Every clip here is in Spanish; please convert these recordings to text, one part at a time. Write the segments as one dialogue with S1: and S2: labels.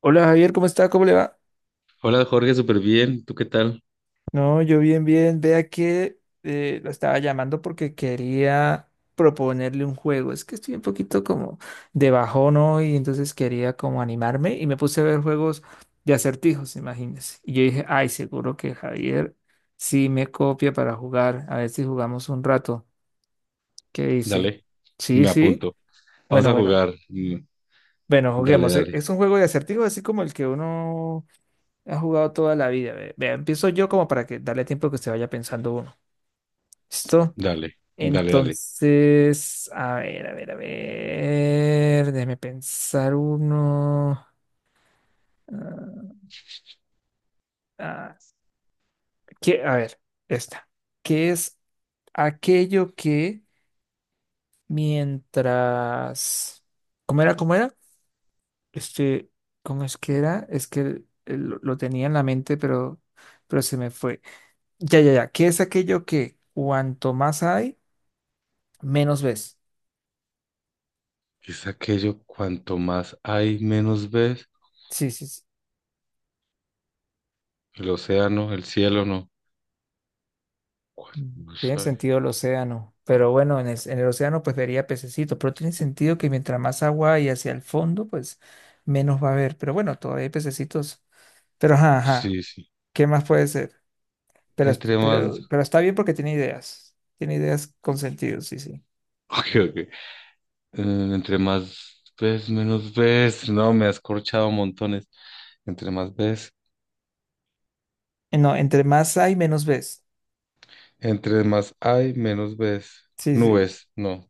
S1: Hola Javier, ¿cómo está? ¿Cómo le va?
S2: Hola Jorge, súper bien. ¿Tú qué tal?
S1: No, yo bien, bien. Vea que lo estaba llamando porque quería proponerle un juego. Es que estoy un poquito como de bajón hoy, entonces quería como animarme y me puse a ver juegos de acertijos, imagínese. Y yo dije, ay, seguro que Javier sí me copia para jugar. A ver si jugamos un rato. ¿Qué dice?
S2: Dale,
S1: Sí,
S2: me
S1: sí.
S2: apunto. Vamos
S1: Bueno,
S2: a
S1: bueno.
S2: jugar.
S1: Bueno,
S2: Dale,
S1: juguemos.
S2: dale,
S1: Es un juego de acertijos así como el que uno ha jugado toda la vida. Vea, empiezo yo como para que darle tiempo que se vaya pensando uno. ¿Listo?
S2: dale, dale, dale.
S1: Entonces, a ver, a ver, a ver. Déjeme pensar uno. Ah, ah, ¿qué? A ver, esta. ¿Qué es aquello que mientras... ¿Cómo era? ¿Cómo era? Este, ¿cómo es que era? Es que lo tenía en la mente, pero se me fue. Ya, ya, ya. ¿Qué es aquello que cuanto más hay? Menos ves.
S2: Es aquello, cuanto más hay, menos ves.
S1: Sí, sí, sí.
S2: El océano, el cielo, no. Cuanto
S1: Mm,
S2: más
S1: tiene
S2: hay.
S1: sentido el océano. Pero bueno, en el océano pues vería pececitos. Pero tiene sentido que mientras más agua hay hacia el fondo, pues menos va a haber. Pero bueno, todavía hay pececitos. Pero ajá, ajá.
S2: Sí, sí.
S1: ¿Qué más puede ser? Pero,
S2: Entre más...
S1: pero está bien porque tiene ideas. Tiene ideas con sentido, sí, sí.
S2: Ok, ok. Entre más ves, menos ves. No, me has corchado montones. Entre más ves.
S1: No, entre más hay, menos ves.
S2: Entre más hay, menos ves.
S1: Sí, sí.
S2: Nubes, no.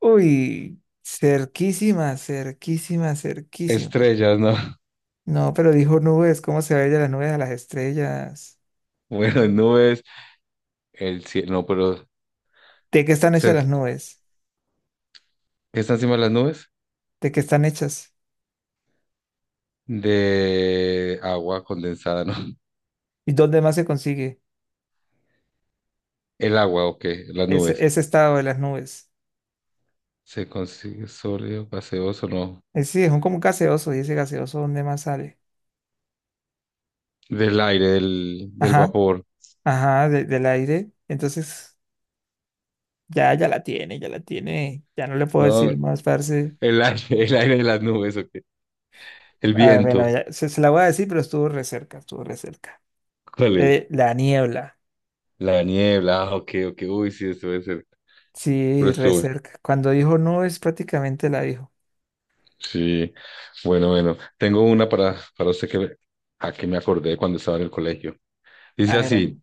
S1: Uy, cerquísima, cerquísima, cerquísima.
S2: Estrellas, no.
S1: No, pero dijo nubes. ¿Cómo se va a ir de las nubes a las estrellas?
S2: Bueno, nubes, el cielo, no, pero...
S1: ¿De qué están hechas
S2: cerca,
S1: las nubes?
S2: que está encima de las nubes,
S1: ¿De qué están hechas?
S2: de agua condensada, ¿no?
S1: ¿Y dónde más se consigue
S2: El agua, ok, las
S1: ese,
S2: nubes.
S1: ese estado de las nubes?
S2: ¿Se consigue sólido, gaseoso, no?
S1: Es decir, es un como un gaseoso, y ese gaseoso, ¿dónde más sale?
S2: Del aire, del
S1: Ajá,
S2: vapor,
S1: ajá, del aire. Entonces, ya, ya la tiene, ya la tiene. Ya no le puedo
S2: ¿no?
S1: decir más, parce.
S2: El aire, el aire de las nubes, ok. El
S1: Ah, bueno,
S2: viento,
S1: ya, se la voy a decir, pero estuvo re cerca, estuvo re cerca.
S2: ¿cuál es?
S1: La niebla.
S2: La niebla, ah, ok, ok, uy, sí, eso debe ser, pero
S1: Sí, re
S2: estuvo bueno.
S1: cerca. Cuando dijo nubes, prácticamente la dijo.
S2: Sí, bueno, bueno. Tengo una para usted que, a que me acordé cuando estaba en el colegio. Dice
S1: Ah, era.
S2: así.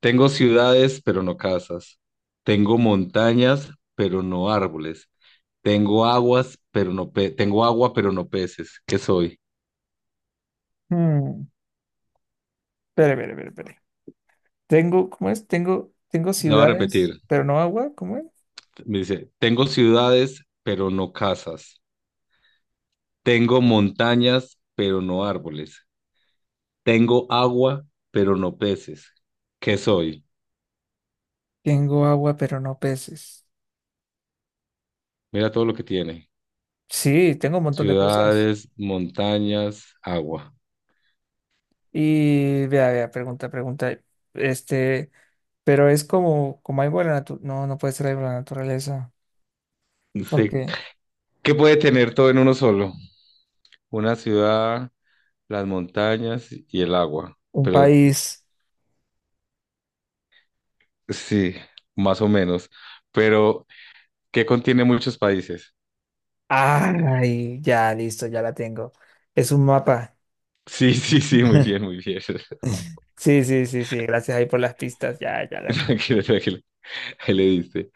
S2: Tengo ciudades, pero no casas. Tengo montañas, pero no árboles. Tengo agua, pero no peces. ¿Qué soy?
S1: Hmm. Espere, espere, espere, espere. Tengo, ¿cómo es? Tengo, tengo
S2: La voy a
S1: ciudades,
S2: repetir.
S1: pero no agua, ¿cómo es?
S2: Me dice, tengo ciudades, pero no casas. Tengo montañas, pero no árboles. Tengo agua, pero no peces. ¿Qué soy?
S1: Tengo agua, pero no peces.
S2: Mira todo lo que tiene.
S1: Sí, tengo un montón de cosas.
S2: Ciudades, montañas, agua.
S1: Y vea, vea, pregunta, pregunta. Este, pero es como, como hay la naturaleza. No, no puede ser algo de la naturaleza.
S2: No.
S1: Porque
S2: ¿Qué puede tener todo en uno solo? Una ciudad, las montañas y el agua,
S1: un
S2: pero
S1: país.
S2: sí, más o menos. Pero, ¿qué contiene muchos países?
S1: Ay, ya, listo, ya la tengo. Es un mapa.
S2: Sí, sí, sí, muy bien, muy bien.
S1: Sí, sí, sí, sí. Gracias ahí por las pistas.
S2: Tranquilo, tranquilo. Ahí le diste.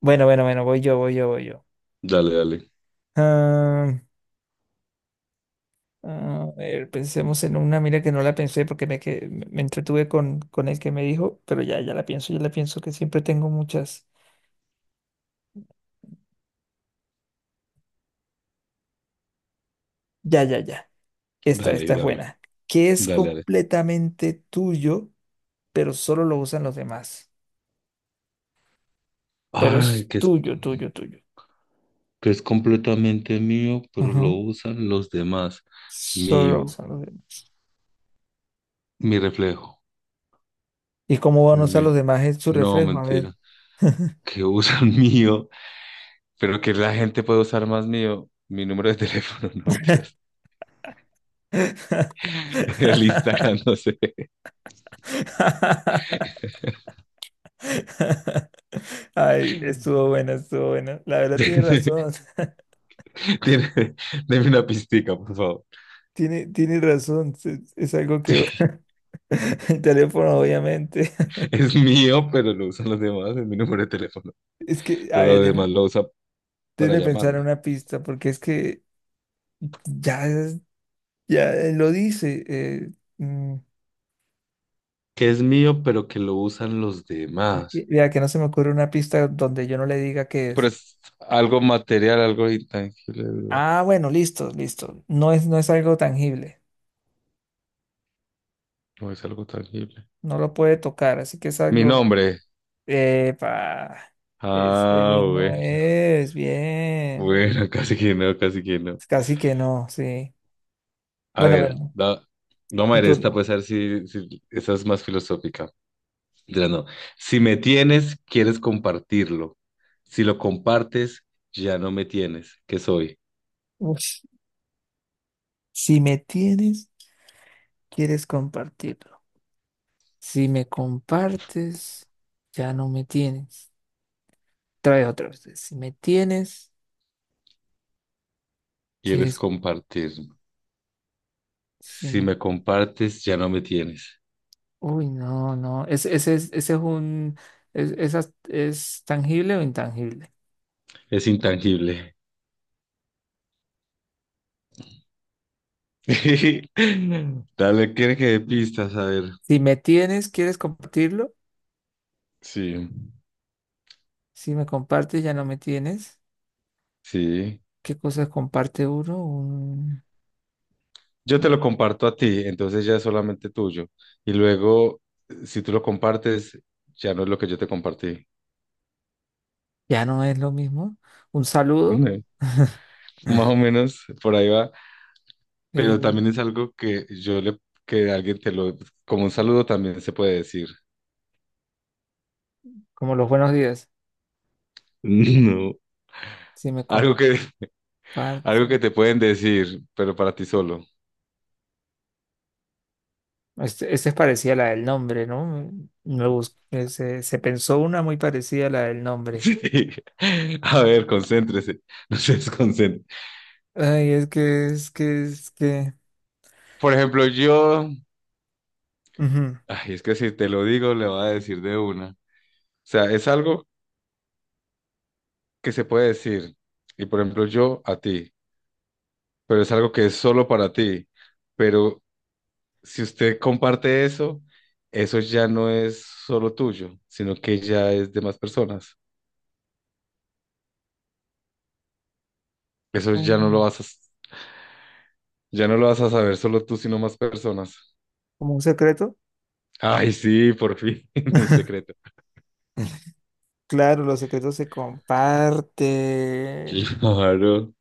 S1: Bueno, bueno, bueno, voy yo, voy yo, voy yo.
S2: Dale, dale,
S1: Ah, ah, a ver, pensemos en una, mira que no la pensé porque me, que, me entretuve con el que me dijo, pero ya, ya la pienso que siempre tengo muchas. Ya, ya, ya. Esta,
S2: dale,
S1: esta es
S2: dame,
S1: buena. Que es
S2: dale, dale.
S1: completamente tuyo, pero solo lo usan los demás. Pero
S2: Ay,
S1: es
S2: que es,
S1: tuyo, tuyo, tuyo.
S2: que es completamente mío, pero lo
S1: Ujú.
S2: usan los demás.
S1: Solo lo
S2: Mío,
S1: usan los demás.
S2: mi reflejo,
S1: ¿Y cómo van a usar los
S2: mi,
S1: demás es su
S2: no,
S1: reflejo? A ver.
S2: mentira. Que usan mío, pero que la gente puede usar más mío. Mi número de teléfono, no mentiras. El Instagram, no sé.
S1: Ay, estuvo buena, estuvo buena. La verdad tiene
S2: Tiene,
S1: razón.
S2: deme una pistica, por favor.
S1: Tiene, tiene razón. Es algo que...
S2: Sí,
S1: El teléfono, obviamente.
S2: es mío, pero lo usan los demás, es mi número de teléfono.
S1: Es que, a
S2: Pero
S1: ver,
S2: lo demás lo usa para
S1: déme pensar en
S2: llamarme.
S1: una pista, porque es que ya, ya lo dice. Mm,
S2: Que es mío, pero que lo usan los
S1: es que-
S2: demás.
S1: vea, que no se me ocurre una pista donde yo no le diga qué
S2: Pero
S1: es.
S2: es algo material, algo intangible, ¿verdad?
S1: Ah, bueno, listo, listo. No es, no es algo tangible.
S2: No es algo tangible.
S1: No lo puede tocar, así que es
S2: Mi
S1: algo.
S2: nombre.
S1: Epa, este
S2: Ah,
S1: mismo
S2: bueno.
S1: es, bien.
S2: Bueno, casi que no, casi que no.
S1: Casi que no, sí.
S2: A
S1: Bueno,
S2: ver,
S1: bueno,
S2: da, no,
S1: mi
S2: Mayra, esta
S1: turno.
S2: pues a ver si esta es más filosófica. Ya no. Si me tienes, quieres compartirlo. Si lo compartes, ya no me tienes. ¿Qué soy?
S1: Uf, si me tienes, quieres compartirlo. Si me compartes, ya no me tienes. Trae otra vez. Si me tienes,
S2: Quieres
S1: quieres.
S2: compartirlo.
S1: Si
S2: Si
S1: me.
S2: me compartes, ya no me tienes.
S1: Uy, no, no. Ese es un. Es, esa- ¿Es tangible o intangible?
S2: Es intangible. Dale, quiere que dé pistas, a ver.
S1: Si me tienes, quieres compartirlo.
S2: Sí.
S1: Si me compartes, ya no me tienes.
S2: Sí.
S1: ¿Qué cosas comparte uno? Un...
S2: Yo te lo comparto a ti, entonces ya es solamente tuyo. Y luego, si tú lo compartes, ya no es lo que yo te compartí.
S1: Ya no es lo mismo. Un saludo,
S2: Más o menos, por ahí va. Pero
S1: eh,
S2: también es algo que alguien te lo, como un saludo también se puede decir.
S1: como los buenos días.
S2: No.
S1: Si me
S2: Algo
S1: comparte.
S2: que, algo que te pueden decir, pero para ti solo.
S1: Este es parecida a la del nombre, ¿no? Se, se pensó una muy parecida a la del nombre.
S2: Sí. A ver, concéntrese. No se desconcentre.
S1: Ay, es que, es que, es que.
S2: Por ejemplo, yo,
S1: Ujú.
S2: ay, es que si te lo digo, le voy a decir de una. O sea, es algo que se puede decir. Y por ejemplo, yo a ti, pero es algo que es solo para ti. Pero si usted comparte eso, eso ya no es solo tuyo, sino que ya es de más personas. Eso ya no lo
S1: Um,
S2: vas a, ya no lo vas a saber solo tú, sino más personas.
S1: ¿Como un secreto?
S2: Ay, sí, por fin, un secreto.
S1: Claro, los secretos se comparten.
S2: Claro.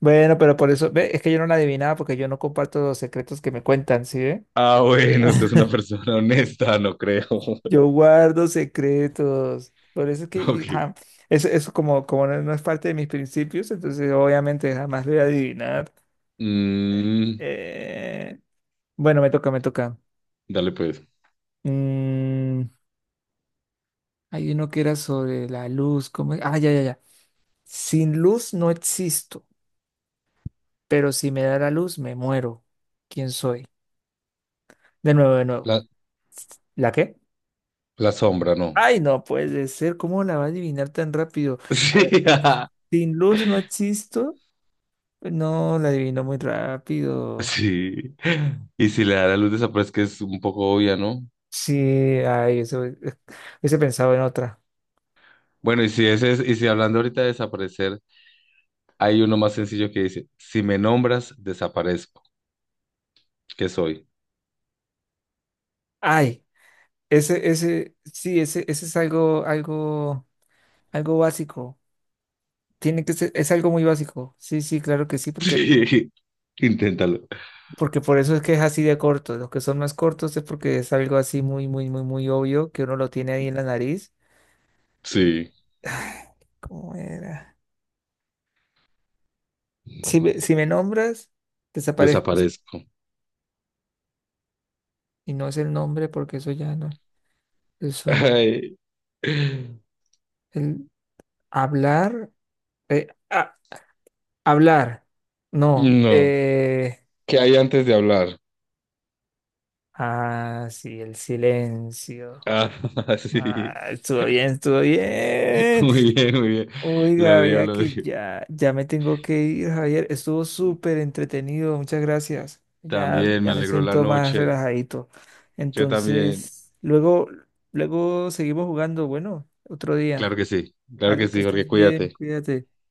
S1: Bueno, pero por eso, ve, es que yo no la adivinaba porque yo no comparto los secretos que me cuentan, ¿sí ve?
S2: Ah, bueno, usted es una persona honesta, no creo.
S1: Yo guardo secretos. Por eso es que
S2: Ok.
S1: ja, eso como, como no, no es parte de mis principios, entonces obviamente jamás lo voy a adivinar.
S2: Mm,
S1: Eh, bueno, me toca, me toca.
S2: dale pues.
S1: Mm, hay uno que era sobre la luz. ¿Cómo es? Ah, ya, ya, ya. Sin luz no existo, pero si me da la luz me muero. ¿Quién soy? De nuevo, de nuevo.
S2: La,
S1: ¿La qué?
S2: la sombra, no.
S1: Ay, no puede ser. ¿Cómo la va a adivinar tan rápido? A ver,
S2: Sí, ajá.
S1: sin luz no existo. No, la adivinó muy rápido.
S2: Sí. Y si le da la luz desaparece, que es un poco obvia, ¿no?
S1: Sí, ay, eso, hubiese pensado en otra.
S2: Bueno, y si ese es, y si hablando ahorita de desaparecer, hay uno más sencillo que dice, si me nombras, desaparezco. ¿Qué soy?
S1: Ay, ese, sí, ese es algo, algo, algo básico. Tiene que ser, es algo muy básico. Sí, sí, claro que sí, porque,
S2: Sí, inténtalo.
S1: porque por eso es que es así de corto. Los que son más cortos es porque es algo así muy, muy, muy, muy obvio que uno lo tiene ahí en la nariz. Y,
S2: Sí,
S1: ¿cómo era? Si me, si me nombras, desaparezco. Sí.
S2: desaparezco.
S1: Y no es el nombre porque eso ya no. Son
S2: Ay,
S1: el hablar. Eh, ah, hablar. No.
S2: no. ¿Qué hay antes de hablar?
S1: Ah, sí, el silencio.
S2: Ah, sí,
S1: Ah, estuvo bien, estuvo bien.
S2: muy bien, muy bien.
S1: Oiga,
S2: Lo dio,
S1: vea
S2: lo
S1: que
S2: dio.
S1: ya, ya me tengo que ir, Javier. Estuvo súper entretenido. Muchas gracias. Ya,
S2: También me
S1: ya me
S2: alegró la
S1: siento más
S2: noche.
S1: relajadito.
S2: Yo también.
S1: Entonces, luego, luego seguimos jugando. Bueno, otro día.
S2: Claro que
S1: Ale, que
S2: sí, Jorge,
S1: estés bien,
S2: cuídate.
S1: cuídate.